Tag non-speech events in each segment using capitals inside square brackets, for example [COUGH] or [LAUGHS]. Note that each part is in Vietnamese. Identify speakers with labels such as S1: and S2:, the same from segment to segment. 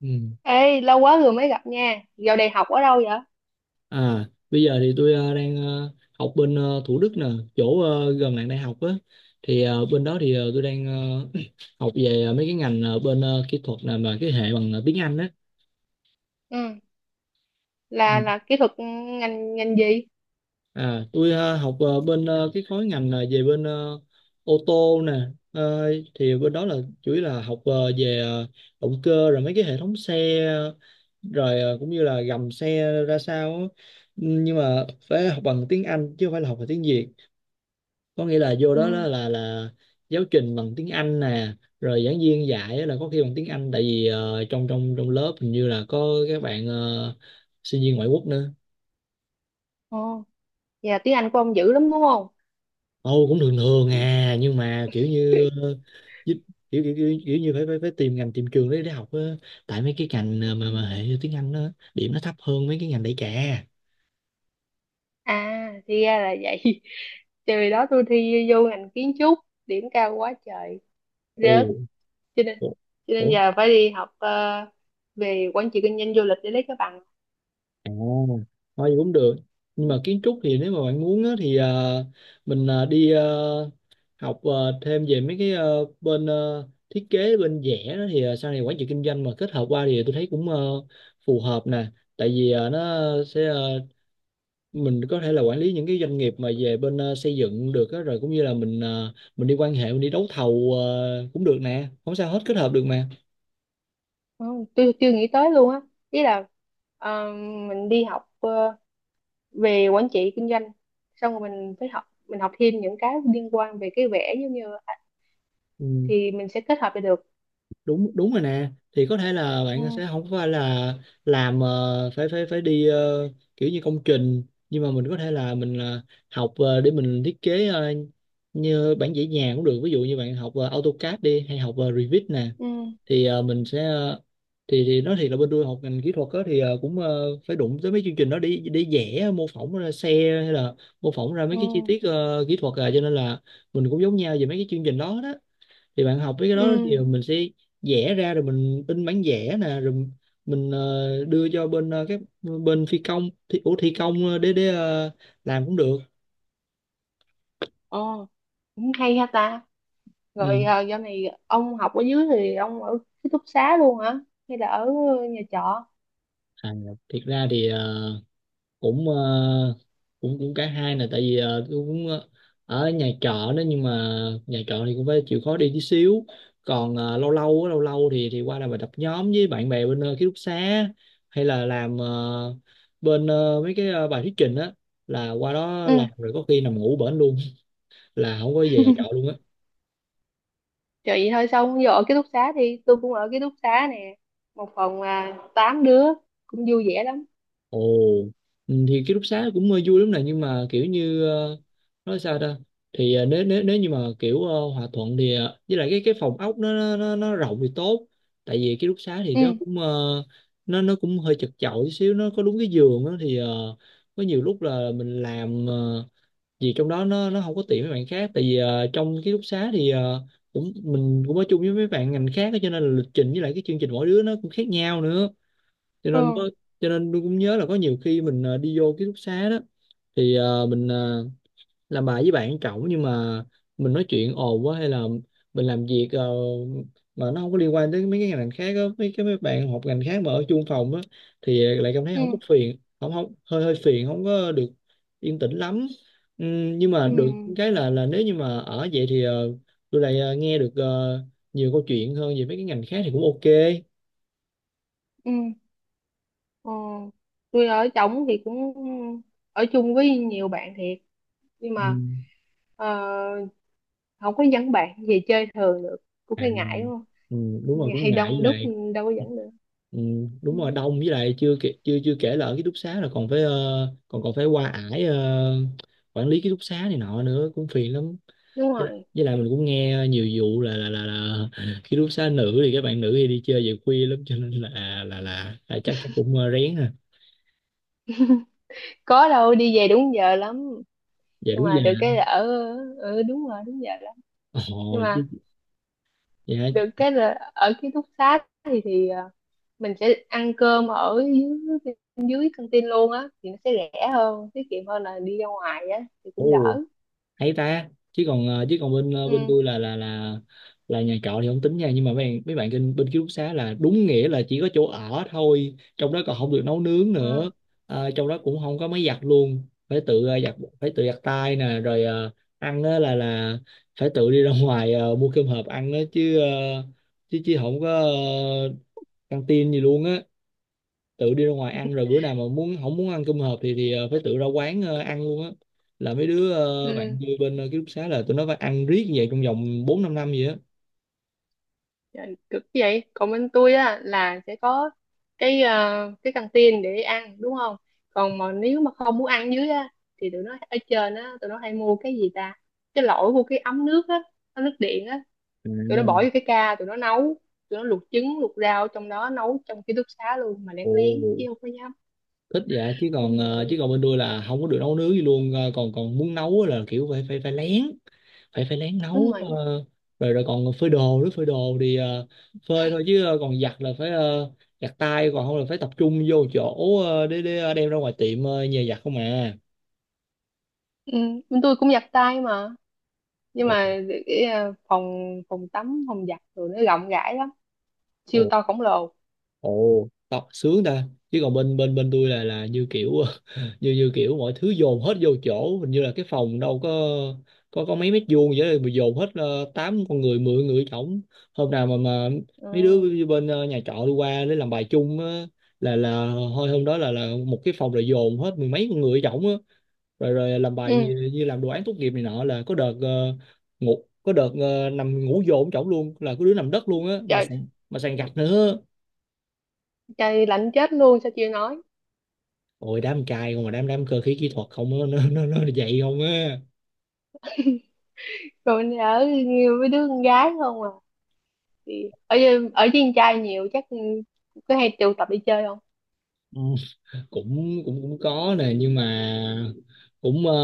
S1: Ừ.
S2: Ê, lâu quá rồi mới gặp nha. Dạo này học ở đâu vậy?
S1: À, bây giờ thì tôi đang học bên Thủ Đức nè, chỗ gần lại đại học á. Thì bên đó thì tôi đang [CLEARS THROAT] học về mấy cái ngành bên kỹ thuật nè, mà cái hệ bằng tiếng Anh á.
S2: Ừ, là
S1: Ừ.
S2: là kỹ thuật ngành ngành gì?
S1: À, tôi học bên cái khối ngành là về bên ô tô nè. Ờ, thì bên đó là chủ yếu là học về động cơ, rồi mấy cái hệ thống xe rồi cũng như là gầm xe ra sao á. Nhưng mà phải học bằng tiếng Anh chứ không phải là học bằng tiếng Việt, có nghĩa là vô đó
S2: Ừ,
S1: là giáo trình bằng tiếng Anh nè, rồi giảng viên dạy á là có khi bằng tiếng Anh, tại vì trong trong trong lớp hình như là có các bạn sinh viên ngoại quốc nữa.
S2: ồ, vậy là tiếng Anh của ông dữ lắm đúng không?
S1: Ồ, cũng thường thường
S2: Ừ.
S1: à, nhưng mà kiểu như giúp- kiểu như phải, phải phải tìm ngành tìm trường để học á, tại mấy cái ngành mà
S2: Ừ.
S1: mà hệ tiếng Anh đó điểm nó thấp hơn mấy cái ngành đại trà.
S2: À, thì ra là vậy. [LAUGHS] Trời đó tôi thi vô ngành kiến trúc, điểm cao quá trời,
S1: Ồ.
S2: rớt. Cho nên
S1: Ủa,
S2: cho nên
S1: ủa.
S2: giờ phải đi học về quản trị kinh doanh du lịch để lấy cái bằng.
S1: À, thôi gì cũng được, nhưng mà kiến trúc thì nếu mà bạn muốn á, thì mình đi học thêm về mấy cái bên thiết kế bên vẽ đó, thì sau này quản trị kinh doanh mà kết hợp qua thì tôi thấy cũng phù hợp nè, tại vì nó sẽ mình có thể là quản lý những cái doanh nghiệp mà về bên xây dựng được á, rồi cũng như là mình đi quan hệ, mình đi đấu thầu cũng được nè, không sao hết, kết hợp được mà.
S2: Ừ, tôi chưa nghĩ tới luôn á. Ý là ờ, mình đi học về quản trị kinh doanh, xong rồi mình phải học, mình học thêm những cái liên quan về cái vẽ giống như,
S1: Ừ.
S2: thì mình sẽ kết hợp lại được.
S1: đúng đúng rồi nè, thì có thể là bạn
S2: Ừ.
S1: sẽ không phải là làm phải phải phải đi kiểu như công trình, nhưng mà mình có thể là mình là học để mình thiết kế như bản vẽ nhà cũng được, ví dụ như bạn học AutoCAD đi, hay học Revit nè,
S2: Ừ.
S1: thì mình sẽ thì nói thiệt là bên tôi học ngành kỹ thuật á, thì cũng phải đụng tới mấy chương trình đó để vẽ mô phỏng ra xe, hay là mô phỏng ra
S2: Ừ.
S1: mấy cái chi tiết kỹ thuật à, cho nên là mình cũng giống nhau về mấy cái chương trình đó đó, thì bạn học với cái đó thì
S2: Ừ.
S1: mình sẽ vẽ ra rồi mình in bản vẽ nè, rồi mình đưa cho bên các bên phi công thi, ủa, thi công để làm cũng được.
S2: Ồ, cũng hay ha ta. Rồi
S1: Ừ.
S2: à, giờ này ông học ở dưới thì ông ở ký túc xá luôn hả, hay là ở nhà trọ?
S1: À, thiệt ra thì cũng ờ, cũng cũng cả hai nè, tại vì tôi cũng ở nhà trọ đó, nhưng mà nhà trọ thì cũng phải chịu khó đi tí xíu, còn lâu lâu á, lâu lâu thì qua làm bài tập nhóm với bạn bè bên ký túc xá, hay là làm bên mấy cái bài thuyết trình á, là qua đó
S2: Ừ.
S1: làm rồi có khi nằm ngủ bển luôn, là không có về nhà trọ luôn á.
S2: Trời, vậy thôi. Xong giờ ở ký túc xá thì tôi cũng ở ký túc xá nè, một phòng à, tám đứa, cũng vui vẻ lắm.
S1: Ồ. Ừ, thì ký túc xá cũng vui lắm nè, nhưng mà kiểu như nói sao ta, thì nếu nếu nếu như mà kiểu hòa thuận thì với lại cái phòng ốc nó rộng thì tốt, tại vì ký túc xá thì nó
S2: Ừ.
S1: cũng nó cũng hơi chật chội tí xíu, nó có đúng cái giường đó, thì có nhiều lúc là mình làm gì trong đó nó không có tiện với bạn khác, tại vì trong ký túc xá thì cũng mình cũng ở chung với mấy bạn ngành khác á, cho nên là lịch trình với lại cái chương trình mỗi đứa nó cũng khác nhau nữa. cho nên
S2: Ừ.
S1: có cho nên tôi cũng nhớ là có nhiều khi mình đi vô ký túc xá đó, thì mình làm bài với bạn cậu, nhưng mà mình nói chuyện ồn quá, hay là mình làm việc mà nó không có liên quan tới mấy cái ngành khác đó, mấy bạn học ngành khác mà ở chung phòng á, thì lại cảm thấy
S2: Ừ.
S1: không có phiền, không không hơi hơi phiền, không có được yên tĩnh lắm. Nhưng mà được
S2: Ừ.
S1: cái là nếu như mà ở vậy thì tôi lại nghe được nhiều câu chuyện hơn về mấy cái ngành khác, thì cũng ok.
S2: Ừ. Ờ, tôi ở trỏng thì cũng ở chung với nhiều bạn thiệt, nhưng
S1: Ừ.
S2: mà ờ, không có dẫn bạn về chơi thường được, cũng
S1: À,
S2: hơi ngại đúng
S1: ừ, đúng
S2: không,
S1: rồi, cũng
S2: hay
S1: ngại, với
S2: đông đúc,
S1: lại
S2: đâu có dẫn được.
S1: ừ, đúng
S2: Ừ,
S1: rồi, đông, với lại chưa kể là ở ký túc xá là còn phải còn còn phải qua ải quản lý ký túc xá này nọ nữa, cũng phiền lắm.
S2: đúng
S1: với lại,
S2: rồi.
S1: với lại mình cũng nghe nhiều vụ là ký túc xá nữ thì các bạn nữ thì đi chơi về khuya lắm, cho nên là chắc chắc cũng rén ha,
S2: Có đâu, đi về đúng giờ lắm.
S1: về
S2: Nhưng
S1: đúng
S2: mà
S1: giờ.
S2: được cái là ở, ừ, đúng rồi, đúng giờ lắm. Nhưng
S1: Ồ chứ.
S2: mà
S1: Dạ.
S2: được cái là ở ký túc xá thì mình sẽ ăn cơm ở dưới dưới căng tin luôn á, thì nó sẽ rẻ hơn, tiết kiệm hơn là đi ra ngoài á, thì
S1: Ồ,
S2: cũng đỡ.
S1: hay ta. Chứ còn bên
S2: Ừ.
S1: tôi là nhà trọ thì không tính nha, nhưng mà mấy bạn bên bên ký túc xá là đúng nghĩa là chỉ có chỗ ở thôi, trong đó còn không được nấu nướng
S2: Ờ.
S1: nữa. Trong đó cũng không có máy giặt luôn, phải tự giặt, phải tự giặt tay nè, rồi ăn á là phải tự đi ra [LAUGHS] ngoài mua cơm hộp ăn á, chứ không có căng tin gì luôn á, tự đi ra ngoài ăn, rồi bữa nào mà muốn không muốn ăn cơm hộp thì phải tự ra quán ăn luôn á, là mấy đứa bạn
S2: Ừ.
S1: tôi bên ký túc xá là tụi nó phải ăn riết như vậy trong vòng bốn năm năm gì á.
S2: Trời, cực vậy. Còn bên tôi á là sẽ có cái cái căng tin để ăn đúng không. Còn mà nếu mà không muốn ăn dưới á, thì tụi nó ở trên á tụi nó hay mua cái gì ta, cái lỗi mua cái ấm nước á, ấm nước điện á,
S1: À,
S2: tụi nó bỏ vô cái ca tụi nó nấu, tụi nó luộc trứng luộc rau trong đó, nấu trong ký túc xá luôn mà lén lén chứ
S1: ồ,
S2: không có dám.
S1: thích. Dạ. chứ
S2: Đúng
S1: còn ờ, chứ
S2: rồi.
S1: còn bên tôi là không có được nấu nướng gì luôn. Ờ, còn còn muốn nấu á là kiểu phải phải phải lén, phải phải lén
S2: Đúng
S1: nấu
S2: rồi.
S1: rồi rồi còn phơi đồ nữa, phơi đồ thì phơi thôi, chứ còn giặt là phải giặt tay, còn không là phải tập trung vô chỗ để đem ra ngoài tiệm nhờ giặt không à.
S2: Ừ. Bên tôi cũng giặt tay mà, nhưng
S1: Ồ.
S2: mà cái phòng phòng tắm, phòng giặt tụi nó rộng rãi lắm,
S1: Ồ.
S2: siêu to khổng lồ.
S1: Ồ, đó, sướng ta. Chứ còn bên bên bên tôi là như kiểu [LAUGHS] như như kiểu mọi thứ dồn hết vô chỗ, hình như là cái phòng đâu có mấy mét vuông vậy đó, mà dồn hết 8 con người, 10 người trỏng. Hôm nào mà mấy đứa
S2: Ừ.
S1: bên nhà trọ đi qua để làm bài chung á, là thôi hôm đó là một cái phòng rồi dồn hết mười mấy con người trỏng á. Rồi rồi làm bài
S2: Ừ.
S1: như làm đồ án tốt nghiệp này nọ, là có đợt nằm ngủ dồn trỏng luôn, là có đứa nằm đất luôn á, mà
S2: Trời,
S1: sàn mà sàn gạch nữa.
S2: trời lạnh chết luôn sao chưa nói.
S1: Ôi, đám trai không, mà đám đám cơ khí kỹ thuật không á, nó vậy không á.
S2: Rồi mình ở nhiều với đứa con gái không à? Ở với con trai nhiều chắc cứ hay tụ tập đi chơi không?
S1: Ừ. cũng cũng cũng có nè, nhưng mà cũng ờ,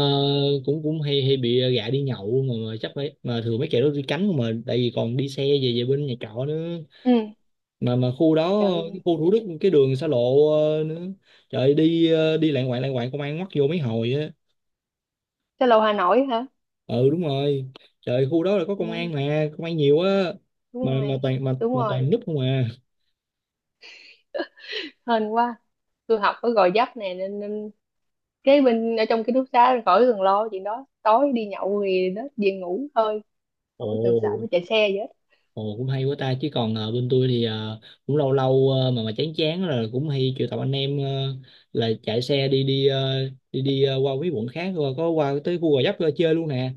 S1: cũng cũng hay hay bị gạ đi nhậu, mà chắc phải mà thường mấy kẻ đó đi cánh không mà, tại vì còn đi xe về về bên nhà trọ nữa.
S2: Ừ.
S1: Mà khu đó, cái
S2: Trời,
S1: khu Thủ Đức, cái đường xa lộ nữa. Trời ơi, đi đi lạng quạng lạng quạng, công an ngoắt vô mấy hồi á.
S2: sao lâu Hà Nội hả?
S1: Ừ, đúng rồi. Trời ơi, khu đó là có
S2: Ừ,
S1: công an, mà công an nhiều á.
S2: đúng
S1: mà mà
S2: rồi.
S1: toàn mà
S2: Đúng
S1: mà
S2: rồi.
S1: toàn núp không à.
S2: Hên quá, tôi học ở Gò Vấp nè, nên, nên cái bên ở trong ký túc xá khỏi cần lo chuyện đó, tối đi nhậu thì đó về ngủ thôi,
S1: Ồ.
S2: khỏi cần sợ phải chạy xe vậy hết.
S1: Ồ, cũng hay quá ta. Chứ còn bên tôi thì cũng lâu lâu mà chán chán rồi, cũng hay triệu tập anh em là chạy xe đi đi ờ, đi đi qua mấy quận khác, rồi có qua tới khu Gò Vấp chơi luôn nè.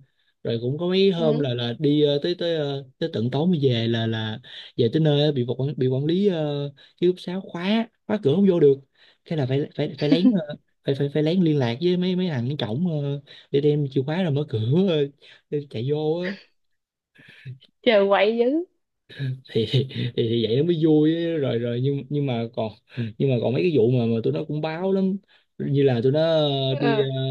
S1: Rồi cũng có mấy hôm
S2: Ừ.
S1: là đi tới tới ờ, tới tận tối mới về, là về tới nơi á, bị quản lý ký túc xá khóa khóa cửa không vô được, cái là phải phải phải lén phải phải phải lén liên lạc với mấy mấy thằng cái cổng để đem chìa khóa rồi mở cửa ờ, để chạy vô á,
S2: Chờ quậy dữ.
S1: thì, thì thì vậy nó mới vui ấy. Rồi rồi nhưng mà còn mấy cái vụ mà tụi nó cũng báo lắm. Như là tụi nó đi
S2: Ừ.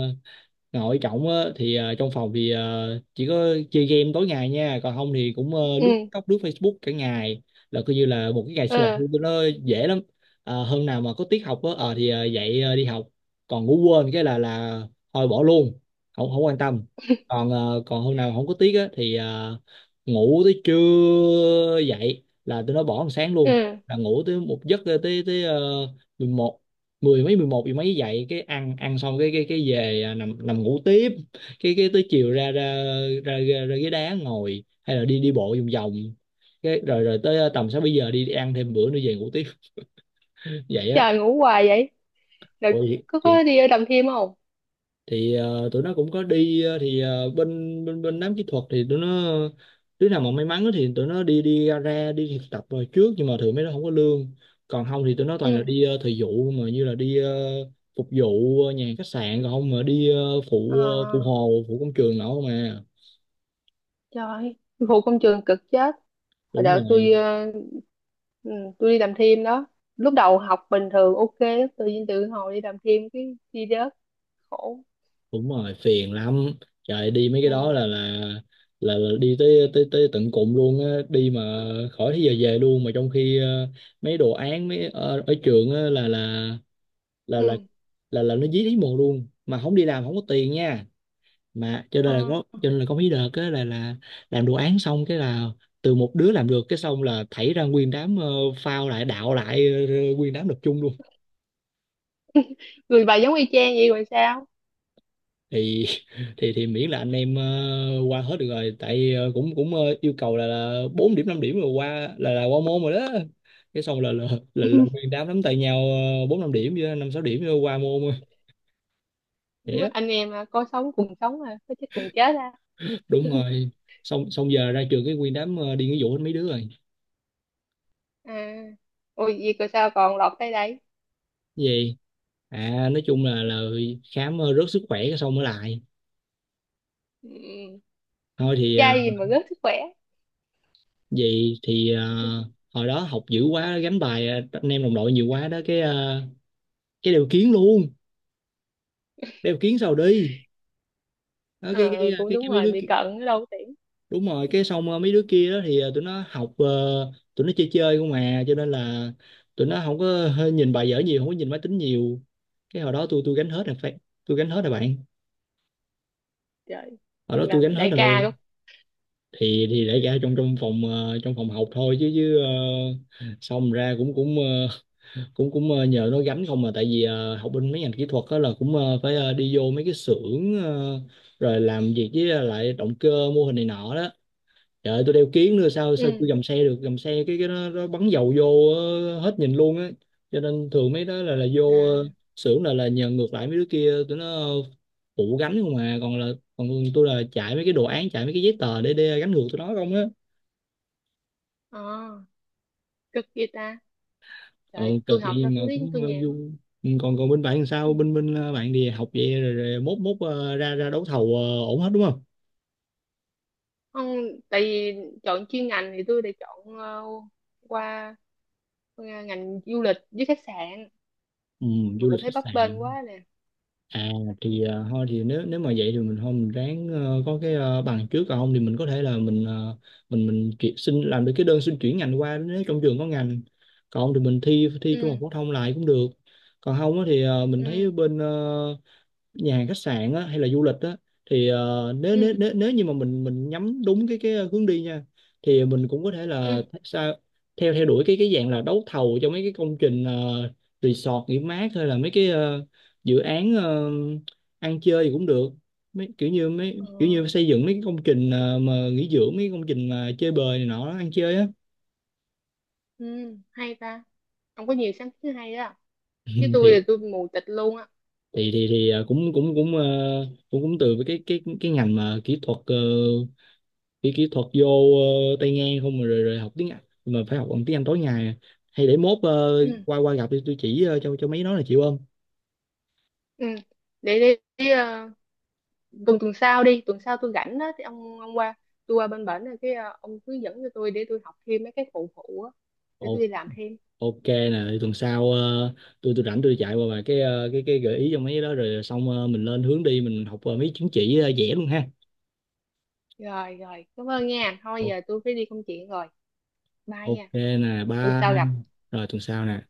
S1: nội trọng á, thì trong phòng thì chỉ có chơi game tối ngày nha, còn không thì cũng lướt
S2: Ừ.
S1: TikTok, lướt Facebook cả ngày. Là coi như là một cái ngày sinh hoạt
S2: Ừ.
S1: của tôi nó dễ lắm. Hôm nào mà có tiết học á thì dậy đi học. Còn ngủ quên cái là thôi bỏ luôn, không không quan tâm. Còn hôm nào mà không có tiết á thì ngủ tới trưa dậy là tôi nó bỏ ăn sáng luôn.
S2: Ừ.
S1: Là ngủ tới một giấc, tới tới mười mấy, mười một gì mấy dậy cái ăn ăn xong cái về à, nằm nằm ngủ tiếp. Cái tới chiều ra ra ra ra, ra ghế đá ngồi hay là đi đi bộ vòng vòng. Cái rồi rồi tới à, tầm sáu bảy giờ đi ăn thêm bữa nữa về ngủ tiếp. [LAUGHS] Vậy á.
S2: Trời, ngủ hoài vậy. Rồi
S1: Ôi thì
S2: có đi ở đầm thêm không?
S1: tụi nó cũng có đi, thì bên bên bên đám kỹ thuật thì tụi nó, đứa nào mà may mắn á thì tụi nó đi đi gara, đi thực tập rồi trước, nhưng mà thường mấy đứa không có lương. Còn không thì tụi nó toàn là
S2: Ừ.
S1: đi thời vụ, mà như là đi phục vụ nhà hàng khách sạn, còn không mà đi phụ phụ
S2: À,
S1: hồ, phụ công trường nọ không à.
S2: trời, phụ công trường cực chết. Hồi
S1: Đúng
S2: đợt tôi
S1: rồi.
S2: ừ, tôi đi đầm thêm đó, lúc đầu học bình thường ok, tự nhiên tự hồi đi đầm thêm cái đi rớt, khổ.
S1: Đúng rồi, phiền lắm. Trời, đi mấy cái đó
S2: Ừ.
S1: là đi tới tới tới tận cùng luôn á đi, mà khỏi tới giờ về luôn. Mà trong khi mấy đồ án mấy ở trường á là là
S2: Ừ.
S1: là nó dí lý mù luôn, mà không đi làm không có tiền nha. Mà cho nên là
S2: Ờ.
S1: có cho nên là có mấy đợt á là làm đồ án xong cái là từ một đứa làm được, cái xong là thảy ra nguyên đám, phao lại, đạo lại, nguyên đám nộp chung luôn.
S2: Người bà giống y chang vậy rồi sao.
S1: Thì thì thì miễn là anh em qua hết được rồi, tại cũng cũng ờ, yêu cầu là 4 điểm, 5 điểm rồi qua là qua môn rồi đó. Cái xong là nguyên
S2: [LAUGHS]
S1: đám nắm tay nhau, bốn năm điểm với năm sáu điểm rồi qua môn rồi. Vậy
S2: Đúng
S1: á.
S2: rồi, anh em à, có sống cùng sống à, có chết cùng chết à.
S1: Đúng rồi. Xong xong giờ ra trường cái nguyên đám đi nghĩa vụ hết mấy đứa rồi.
S2: À, ôi gì cơ, sao còn lọt tới đây?
S1: Gì? À, nói chung là khám rớt sức khỏe cái xong mới lại.
S2: Ừ.
S1: Thôi thì
S2: Trai gì mà rớt sức khỏe.
S1: vậy thì hồi đó học dữ quá, gánh bài anh em đồng đội nhiều quá đó cái cái đều kiến luôn. Đeo kiến sao đi. Đó, cái, cái
S2: Ờ, cũng
S1: cái cái
S2: đúng
S1: mấy
S2: rồi,
S1: đứa
S2: bị cận ở đâu có tiễn.
S1: đúng rồi. Cái xong mấy đứa kia đó thì tụi nó học, tụi nó chơi chơi không, mà cho nên là tụi nó không có nhìn bài vở nhiều, không có nhìn máy tính nhiều. Cái hồi đó tôi gánh hết rồi phải, tôi gánh hết rồi bạn,
S2: Trời,
S1: hồi đó tôi gánh
S2: làm
S1: hết
S2: đại ca
S1: rồi.
S2: luôn.
S1: Thì để ra trong trong phòng ờ, trong phòng học thôi, chứ chứ ờ, xong ra cũng cũng ờ, nhờ nó gánh không, mà tại vì học bên mấy ngành kỹ thuật đó là cũng phải đi vô mấy cái xưởng, rồi làm việc với lại động cơ, mô hình này nọ đó. Trời ơi, tôi đeo kiếng nữa sao sao chưa
S2: Ừ.
S1: gầm xe được, gầm xe cái nó bắn dầu vô hết nhìn luôn á. Cho nên thường mấy đó là vô
S2: À.
S1: xưởng là nhờ ngược lại mấy đứa kia, tụi nó phụ gánh không, mà còn tôi là chạy mấy cái đồ án, chạy mấy cái giấy tờ để gánh ngược tụi nó không á.
S2: Ờ, cực vậy ta.
S1: Ừ,
S2: Trời, tôi
S1: cực
S2: học
S1: vậy
S2: ra
S1: mà
S2: tôi thấy
S1: cũng
S2: tôi nhàn
S1: vui.
S2: lắm.
S1: Ừ, còn còn bên bạn làm sao?
S2: Ừ.
S1: Bên bên ờ, Bạn đi học vậy rồi, rồi mốt mốt ờ, ra ra đấu thầu ổn hết đúng không?
S2: Không, tại vì chọn chuyên ngành thì tôi đã chọn qua, qua ngành du lịch với khách sạn,
S1: Ừ,
S2: mà
S1: du lịch
S2: cũng
S1: khách
S2: thấy bấp bênh
S1: sạn.
S2: quá nè.
S1: À,
S2: Ừ.
S1: thì thôi thì nếu nếu mà vậy thì mình thôi mình ráng có cái bằng trước, còn không thì mình có thể là mình xin làm được cái đơn xin chuyển ngành qua nếu trong trường có ngành. Còn không thì mình thi thi trung học
S2: Ừ.
S1: phổ thông lại cũng được. Còn không á thì mình thấy
S2: Ừ.
S1: bên nhà hàng khách sạn á, hay là du lịch á, thì nếu nếu
S2: Ừ.
S1: nếu nếu như mà mình nhắm đúng cái hướng đi nha, thì mình cũng có thể là
S2: Ừ.
S1: th- sao theo theo đuổi cái dạng là đấu thầu cho mấy cái công trình, resort nghỉ mát, hay là mấy cái dự án, ăn chơi thì cũng được. mấy kiểu như
S2: Ờ,
S1: mấy kiểu như xây dựng mấy cái công trình, mà nghỉ dưỡng, mấy cái công trình mà chơi bời này nọ, ăn chơi á. [LAUGHS]
S2: ừ, hay ta, không có nhiều sáng kiến hay đó,
S1: Ừ,
S2: chứ tôi
S1: thì
S2: là tôi mù tịt luôn á.
S1: thì cũng cũng cũng ờ, cũng cũng từ với cái ngành mà kỹ thuật, kỹ kỹ thuật vô. Tay ngang không, mà rồi rồi học tiếng Anh mà phải học bằng tiếng Anh tối ngày à. Hay để mốt
S2: Ừ.
S1: qua qua gặp đi, tôi chỉ cho mấy nó là, chịu không?
S2: Ừ. Để đi, tuần tuần sau đi, tuần sau tôi rảnh á thì ông qua, tôi qua bên bển rồi cái ông hướng dẫn cho tôi để tôi học thêm mấy cái phụ phụ á, để tôi
S1: Ồ,
S2: đi làm thêm.
S1: ok nè, thì tuần sau tôi rảnh tôi chạy qua vài cái cái gợi ý cho mấy cái đó, rồi xong mình lên hướng đi, mình học mấy chứng chỉ vẽ luôn ha.
S2: Rồi rồi, cảm ơn nha, thôi
S1: Ồ,
S2: giờ tôi phải đi công chuyện rồi, bye
S1: ok
S2: nha,
S1: nè,
S2: tuần
S1: bye.
S2: sau gặp.
S1: Rồi tuần sau nè.